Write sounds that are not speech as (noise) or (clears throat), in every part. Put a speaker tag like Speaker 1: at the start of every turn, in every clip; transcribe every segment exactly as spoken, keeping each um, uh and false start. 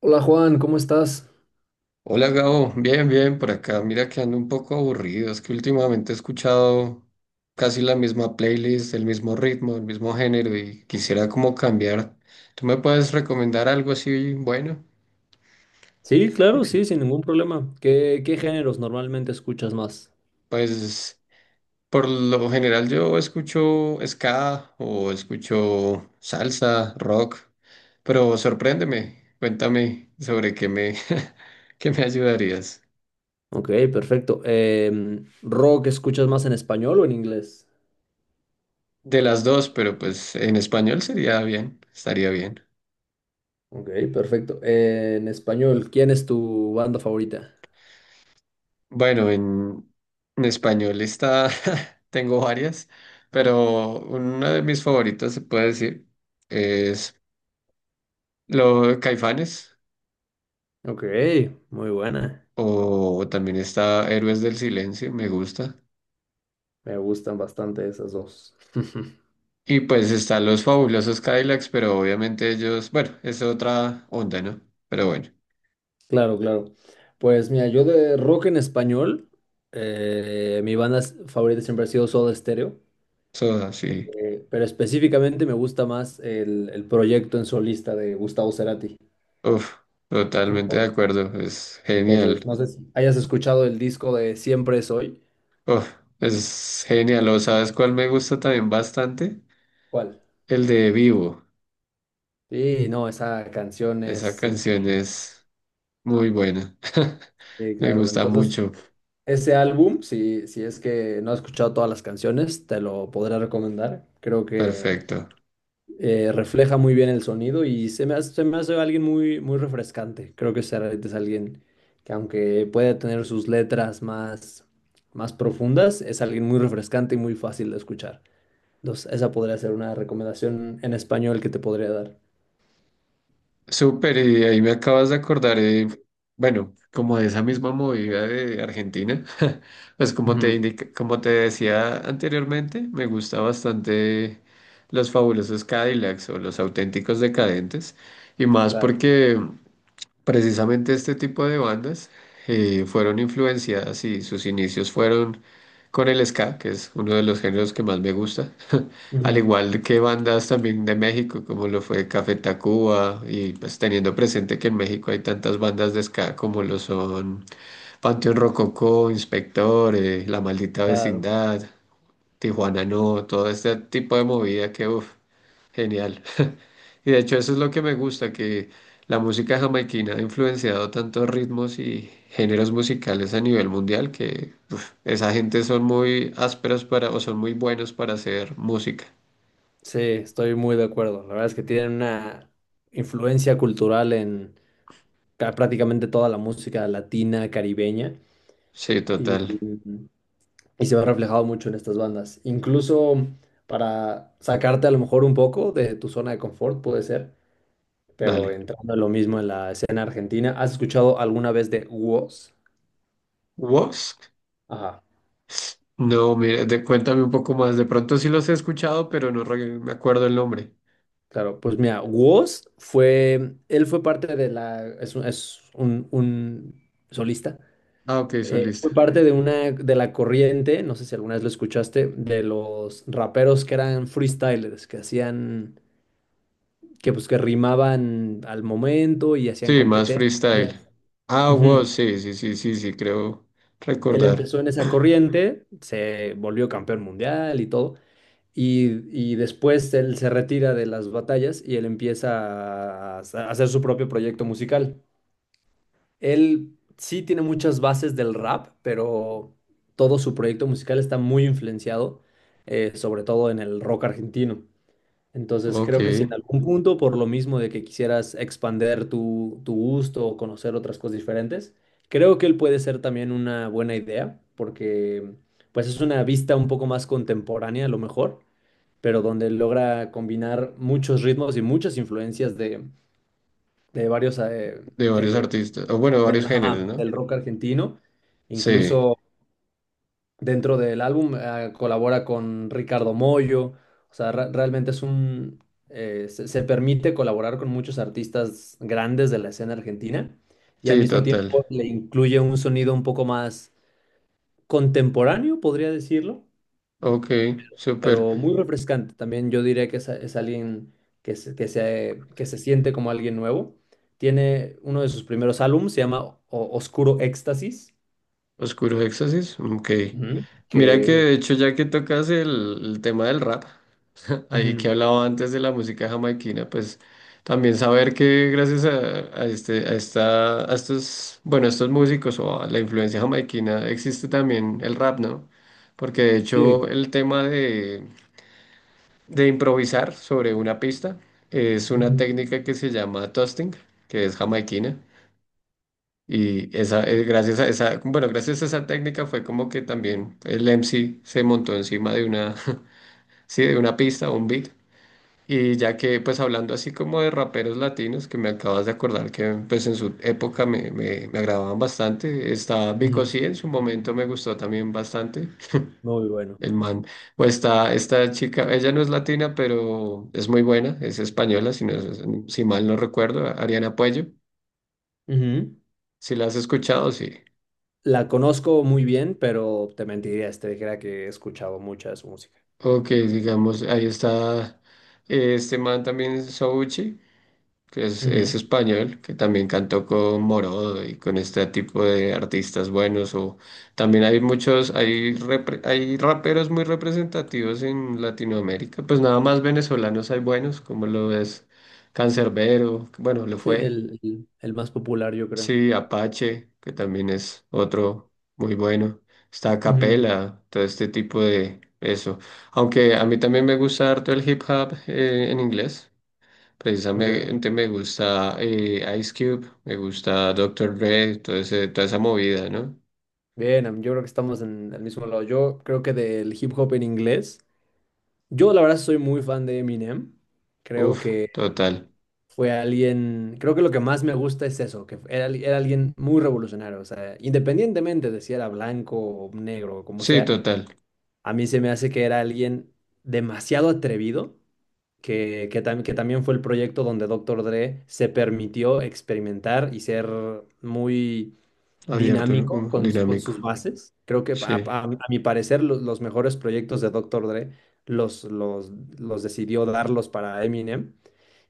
Speaker 1: Hola Juan, ¿cómo estás?
Speaker 2: Hola Gabo, bien, bien, por acá. Mira que ando un poco aburrido. Es que últimamente he escuchado casi la misma playlist, el mismo ritmo, el mismo género y quisiera como cambiar. ¿Tú me puedes recomendar algo así bueno?
Speaker 1: Sí, claro, sí,
Speaker 2: (clears throat)
Speaker 1: sin ningún problema. ¿Qué, qué géneros normalmente escuchas más?
Speaker 2: Pues por lo general yo escucho ska o escucho salsa, rock, pero sorpréndeme, cuéntame sobre qué me, (laughs) qué me ayudarías.
Speaker 1: Ok, perfecto. Em, ¿rock escuchas más en español o en inglés?
Speaker 2: De las dos, pero pues en español sería bien, estaría bien.
Speaker 1: Ok, perfecto. Eh, en español, ¿quién es tu banda favorita?
Speaker 2: Bueno, en, en español está, (laughs) tengo varias, pero una de mis favoritos se puede decir es lo de Caifanes,
Speaker 1: Ok, muy buena.
Speaker 2: o también está Héroes del Silencio, me gusta.
Speaker 1: Me gustan bastante esas dos. (laughs)
Speaker 2: Y pues están los fabulosos Cadillacs, pero obviamente ellos, bueno, es otra onda, ¿no? Pero bueno,
Speaker 1: Claro, claro. Pues mira, yo de rock en español, eh, mi banda s- favorita siempre ha sido Soda Stereo.
Speaker 2: Soda, sí,
Speaker 1: Eh, pero específicamente me gusta más el, el proyecto en solista de Gustavo Cerati.
Speaker 2: uf, totalmente de
Speaker 1: Entonces,
Speaker 2: acuerdo, es
Speaker 1: entonces,
Speaker 2: genial,
Speaker 1: no sé si hayas escuchado el disco de Siempre Es Hoy.
Speaker 2: uf, es genial, ¿o sabes cuál me gusta también bastante?
Speaker 1: ¿Cuál?
Speaker 2: El de Vivo.
Speaker 1: Sí, no, esa canción
Speaker 2: Esa
Speaker 1: es
Speaker 2: canción
Speaker 1: increíble.
Speaker 2: es muy buena.
Speaker 1: Sí,
Speaker 2: (laughs) Me
Speaker 1: claro.
Speaker 2: gusta
Speaker 1: Entonces,
Speaker 2: mucho.
Speaker 1: ese álbum, si, si es que no has escuchado todas las canciones, te lo podré recomendar. Creo que
Speaker 2: Perfecto.
Speaker 1: eh, refleja muy bien el sonido y se me hace, se me hace alguien muy, muy refrescante. Creo que Serrat es alguien que aunque puede tener sus letras más, más profundas, es alguien muy refrescante y muy fácil de escuchar. Entonces, esa podría ser una recomendación en español que te podría dar.
Speaker 2: Súper, y ahí me acabas de acordar, eh, bueno, como de esa misma movida de Argentina. (laughs) Pues como te
Speaker 1: Ujú.
Speaker 2: indica- como te decía anteriormente, me gusta bastante los fabulosos Cadillacs o los auténticos decadentes. Y más
Speaker 1: Claro.
Speaker 2: porque precisamente este tipo de bandas eh, fueron influenciadas y sus inicios fueron con el ska, que es uno de los géneros que más me gusta, (laughs) al
Speaker 1: Ujú.
Speaker 2: igual que bandas también de México, como lo fue Café Tacuba, y pues teniendo presente que en México hay tantas bandas de ska como lo son Panteón Rococó, Inspector, eh, La Maldita
Speaker 1: Claro.
Speaker 2: Vecindad, Tijuana No, todo este tipo de movida que, uff, genial. Y de hecho eso es lo que me gusta, que la música jamaiquina ha influenciado tantos ritmos y géneros musicales a nivel mundial que uf, esa gente son muy ásperos para, o son muy buenos para hacer música.
Speaker 1: Sí, estoy muy de acuerdo. La verdad es que tienen una influencia cultural en ca- prácticamente toda la música latina, caribeña.
Speaker 2: Sí,
Speaker 1: Y,
Speaker 2: total.
Speaker 1: mm, y se ve reflejado mucho en estas bandas. Incluso para sacarte a lo mejor un poco de tu zona de confort, puede ser, pero
Speaker 2: Dale.
Speaker 1: entrando en lo mismo en la escena argentina, ¿has escuchado alguna vez de Woz?
Speaker 2: ¿Wosk?
Speaker 1: Ajá,
Speaker 2: No, mira, de- cuéntame un poco más. De pronto sí los he escuchado, pero no re- me acuerdo el nombre.
Speaker 1: claro, pues mira, Woz fue, él fue parte de la, es un, es un, un solista.
Speaker 2: Ah, ok,
Speaker 1: Eh,
Speaker 2: solista.
Speaker 1: fue parte de una de la corriente, no sé si alguna vez lo escuchaste, de los raperos que eran freestylers, que hacían que pues que rimaban al momento y hacían
Speaker 2: Sí, más
Speaker 1: competencias.
Speaker 2: freestyle. Ah,
Speaker 1: Ujú.
Speaker 2: Wosk, sí, sí, sí, sí, sí, creo
Speaker 1: Él
Speaker 2: recordar.
Speaker 1: empezó en esa corriente, se volvió campeón mundial y todo, y, y después él se retira de las batallas y él empieza a hacer a hacer su propio proyecto musical. Él sí tiene muchas bases del rap, pero todo su proyecto musical está muy influenciado, eh, sobre todo en el rock argentino. Entonces,
Speaker 2: Ok,
Speaker 1: creo que si en
Speaker 2: de
Speaker 1: algún punto, por lo mismo de que quisieras expander tu, tu gusto o conocer otras cosas diferentes, creo que él puede ser también una buena idea, porque pues es una vista un poco más contemporánea a lo mejor, pero donde logra combinar muchos ritmos y muchas influencias de, de varios eh,
Speaker 2: varios
Speaker 1: eh,
Speaker 2: artistas, o bueno, de
Speaker 1: del,
Speaker 2: varios géneros,
Speaker 1: ajá,
Speaker 2: ¿no?
Speaker 1: del rock argentino,
Speaker 2: Sí,
Speaker 1: incluso dentro del álbum, eh, colabora con Ricardo Mollo, o sea, re- realmente es un, eh, se, se permite colaborar con muchos artistas grandes de la escena argentina y al
Speaker 2: sí,
Speaker 1: mismo
Speaker 2: total.
Speaker 1: tiempo le incluye un sonido un poco más contemporáneo, podría decirlo,
Speaker 2: Ok, súper.
Speaker 1: pero muy refrescante. También yo diría que es, es alguien que se, que se, que se siente como alguien nuevo. Tiene uno de sus primeros álbumes, se llama O- Oscuro Éxtasis,
Speaker 2: Oscuros Éxtasis, ok.
Speaker 1: ujú,
Speaker 2: Mira que
Speaker 1: que...
Speaker 2: de hecho ya que tocas el, el tema del rap, (laughs) ahí que
Speaker 1: Ujú.
Speaker 2: hablaba antes de la música jamaiquina, pues también saber que gracias a, a este, a esta, a estos, bueno, a estos músicos o a la influencia jamaiquina existe también el rap, ¿no? Porque de hecho
Speaker 1: Sí.
Speaker 2: el tema de, de improvisar sobre una pista es una
Speaker 1: Ujú,
Speaker 2: técnica que se llama toasting, que es jamaiquina. Y esa, eh, gracias a esa, bueno, gracias a esa técnica fue como que también el M C se montó encima de una, (laughs) sí, de una pista, o un beat. Y ya que, pues hablando así como de raperos latinos, que me acabas de acordar que pues en su época me, me, me agradaban bastante, está
Speaker 1: ujú.
Speaker 2: Vico C, en su momento me gustó también bastante,
Speaker 1: Muy bueno.
Speaker 2: el man. O está esta chica, ella no es latina, pero es muy buena, es española, si, no, si mal no recuerdo, Ariana Puello.
Speaker 1: Ujú.
Speaker 2: Si la has escuchado, sí.
Speaker 1: La conozco muy bien, pero te mentiría si te dijera que he escuchado mucha de su música.
Speaker 2: Ok, digamos, ahí está eh, este man también, Souchi, que es, es
Speaker 1: Ujú.
Speaker 2: español, que también cantó con Morodo y con este tipo de artistas buenos. O también hay muchos, hay, repre- hay raperos muy representativos en Latinoamérica. Pues nada más venezolanos hay buenos, como lo es Cancerbero bueno, lo
Speaker 1: Sí,
Speaker 2: fue.
Speaker 1: el, el- el más popular, yo creo.
Speaker 2: Sí, Apache, que también es otro muy bueno. Está a
Speaker 1: Ujú.
Speaker 2: Capela, todo este tipo de eso. Aunque a mí también me gusta harto el hip hop eh, en inglés.
Speaker 1: Ok.
Speaker 2: Precisamente me gusta eh, Ice Cube, me gusta Doctor Dre, todo ese- toda esa movida, ¿no?
Speaker 1: Bien, am- yo creo que estamos en el mismo lado. Yo creo que del hip hop en inglés. Yo, la verdad, soy muy fan de Eminem. Creo
Speaker 2: Uf,
Speaker 1: que
Speaker 2: total.
Speaker 1: fue alguien. Creo que lo que más me gusta es eso, que era, al- era alguien muy revolucionario. O sea, independientemente de si era blanco o negro o como
Speaker 2: Sí,
Speaker 1: sea.
Speaker 2: total.
Speaker 1: A mí se me hace que era alguien demasiado atrevido, que, que, tam- que también fue el proyecto donde Doctor Dre se permitió experimentar y ser muy
Speaker 2: Abierto, ¿no?
Speaker 1: dinámico
Speaker 2: Como
Speaker 1: con, su- con
Speaker 2: dinámico.
Speaker 1: sus bases. Creo que a,
Speaker 2: Sí.
Speaker 1: a- a mi parecer lo- los mejores proyectos de Doctor Dre los, los, los decidió darlos para Eminem.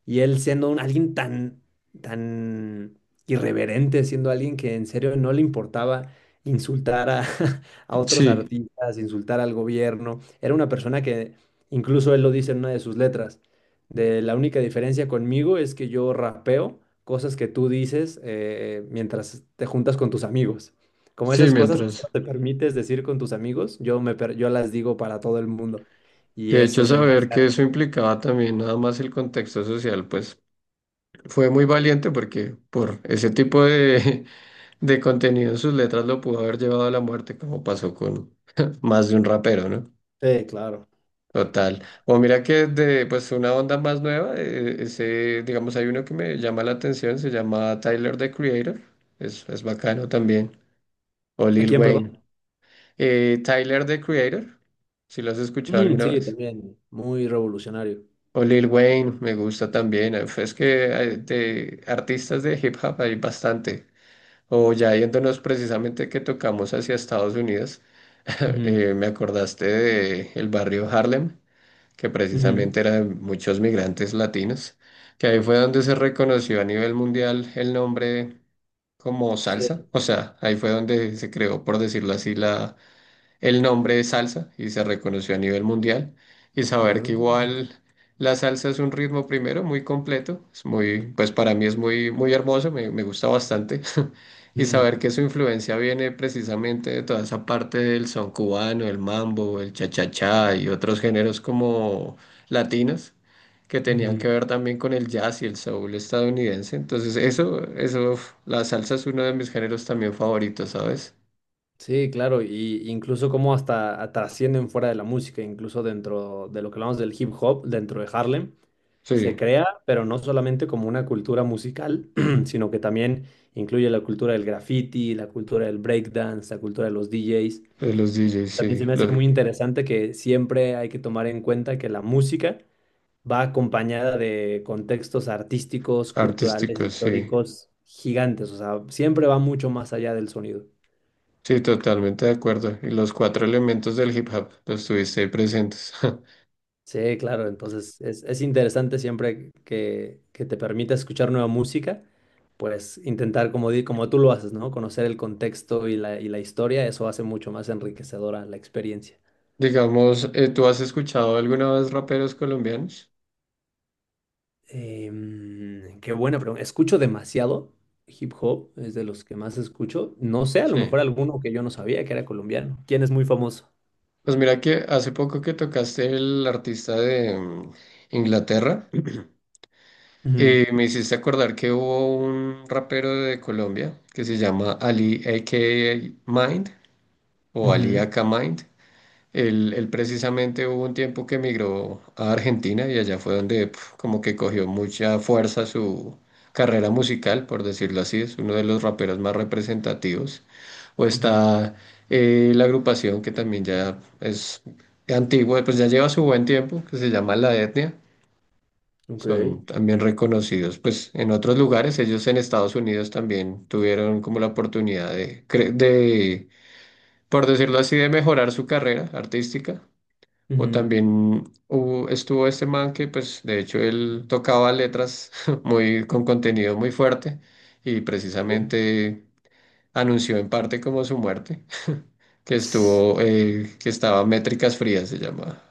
Speaker 1: Y él siendo un, alguien tan, tan irreverente, siendo alguien que en serio no le importaba insultar a, (laughs) a otros
Speaker 2: Sí,
Speaker 1: artistas, insultar al gobierno. Era una persona que, incluso él lo dice en una de sus letras, de la única diferencia conmigo es que yo rapeo cosas que tú dices eh, mientras te juntas con tus amigos. Como
Speaker 2: sí,
Speaker 1: esas cosas que solo
Speaker 2: mientras.
Speaker 1: te permites decir con tus amigos, yo, me, per- yo las digo para todo el mundo. Y
Speaker 2: De hecho,
Speaker 1: eso se me
Speaker 2: saber
Speaker 1: hace
Speaker 2: que eso
Speaker 1: algo.
Speaker 2: implicaba también nada más el contexto social, pues fue muy valiente porque por ese tipo de, (laughs) de contenido en sus letras lo pudo haber llevado a la muerte, como pasó con (laughs) más de un rapero, ¿no?
Speaker 1: Sí, claro.
Speaker 2: Total. O mira que de pues una onda más nueva, eh, ese, digamos, hay uno que me llama la atención, se llama Tyler the Creator, es, es bacano también, o
Speaker 1: ¿A
Speaker 2: Lil
Speaker 1: quién, perdón?
Speaker 2: Wayne. Eh, Tyler the Creator, si lo has escuchado
Speaker 1: Mm,
Speaker 2: alguna
Speaker 1: sí,
Speaker 2: vez.
Speaker 1: también, muy revolucionario.
Speaker 2: O Lil Wayne, me gusta también. eh, pues, es que eh, de artistas de hip hop hay bastante. O ya yéndonos precisamente que tocamos hacia Estados Unidos, (laughs)
Speaker 1: Ujú,
Speaker 2: eh, me acordaste de el barrio Harlem, que
Speaker 1: ujú.
Speaker 2: precisamente era de muchos migrantes latinos, que ahí fue donde se reconoció a nivel mundial el nombre como salsa,
Speaker 1: Sí.
Speaker 2: o sea, ahí fue donde se creó, por decirlo así, la, el nombre de salsa y se reconoció a nivel mundial. Y saber
Speaker 1: Ah,
Speaker 2: que igual la salsa es un ritmo primero muy completo, es muy, pues para mí es muy, muy hermoso, me, me gusta bastante. (laughs) Y
Speaker 1: ujú,
Speaker 2: saber que su influencia viene precisamente de toda esa parte del son cubano, el mambo, el cha-cha-cha y otros géneros como latinos que tenían
Speaker 1: ujú.
Speaker 2: que ver también con el jazz y el soul estadounidense. Entonces, eso, eso, uf, la salsa es uno de mis géneros también favoritos, ¿sabes?
Speaker 1: Sí, claro, y incluso como hasta a- trascienden fuera de la música, incluso dentro de lo que hablamos del hip hop, dentro de Harlem, se
Speaker 2: Sí.
Speaker 1: crea, pero no solamente como una cultura musical, (clears throat) sino que también incluye la cultura del graffiti, la cultura del breakdance, la cultura de los D Js.
Speaker 2: De los D Js,
Speaker 1: También se
Speaker 2: sí.
Speaker 1: me hace
Speaker 2: Los
Speaker 1: muy interesante que siempre hay que tomar en cuenta que la música va acompañada de contextos artísticos, culturales,
Speaker 2: artísticos, sí.
Speaker 1: históricos gigantes, o sea, siempre va mucho más allá del sonido.
Speaker 2: Sí, totalmente de acuerdo. Y los cuatro elementos del hip hop los tuviste ahí presentes.
Speaker 1: Sí, claro, entonces es, es interesante siempre que, que te permita escuchar nueva música, pues intentar, como, di- como tú lo haces, ¿no? Conocer el contexto y la, y la historia, eso hace mucho más enriquecedora la experiencia.
Speaker 2: (laughs) Digamos, eh, ¿tú has escuchado alguna vez raperos colombianos?
Speaker 1: Em, qué buena pregunta. Escucho demasiado hip hop, es de los que más escucho. No sé, a lo
Speaker 2: Sí.
Speaker 1: mejor alguno que yo no sabía que era colombiano. ¿Quién es muy famoso?
Speaker 2: Pues mira que hace poco que tocaste el artista de mm, Inglaterra,
Speaker 1: Ujú,
Speaker 2: eh, me hiciste acordar que hubo un rapero de Colombia que se llama Ali, A a.k.a. Mind, o Ali
Speaker 1: ujú,
Speaker 2: Aka Mind. Él, él precisamente hubo un tiempo que emigró a Argentina y allá fue donde pf, como que cogió mucha fuerza su carrera musical, por decirlo así, es uno de los raperos más representativos. O
Speaker 1: ujú.
Speaker 2: está eh, la agrupación que también ya es antigua, pues ya lleva su buen tiempo, que se llama La Etnia.
Speaker 1: Ok.
Speaker 2: Son también reconocidos, pues en otros lugares, ellos en Estados Unidos también tuvieron como la oportunidad de, cre- de, por decirlo así, de mejorar su carrera artística o también hubo- estuvo este man que, pues, de hecho, él tocaba letras (laughs) muy, con contenido muy fuerte y precisamente anunció en parte como su muerte, (laughs) que estuvo, eh, que estaba Métricas Frías, se llamaba.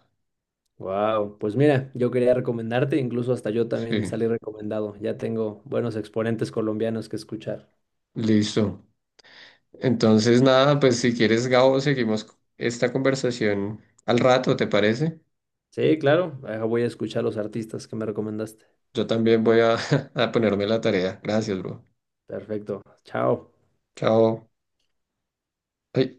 Speaker 1: Wow, pues mira, yo quería recomendarte, incluso hasta yo también
Speaker 2: Sí,
Speaker 1: salí recomendado. Ya tengo buenos exponentes colombianos que escuchar.
Speaker 2: listo. Entonces, nada, pues si quieres, Gabo, seguimos esta conversación al rato, ¿te parece?
Speaker 1: Sí, claro, ahora voy a escuchar los artistas que me recomendaste.
Speaker 2: Yo también voy a, (laughs) a ponerme la tarea. Gracias, bro.
Speaker 1: Perfecto, chao.
Speaker 2: Chao. Ay.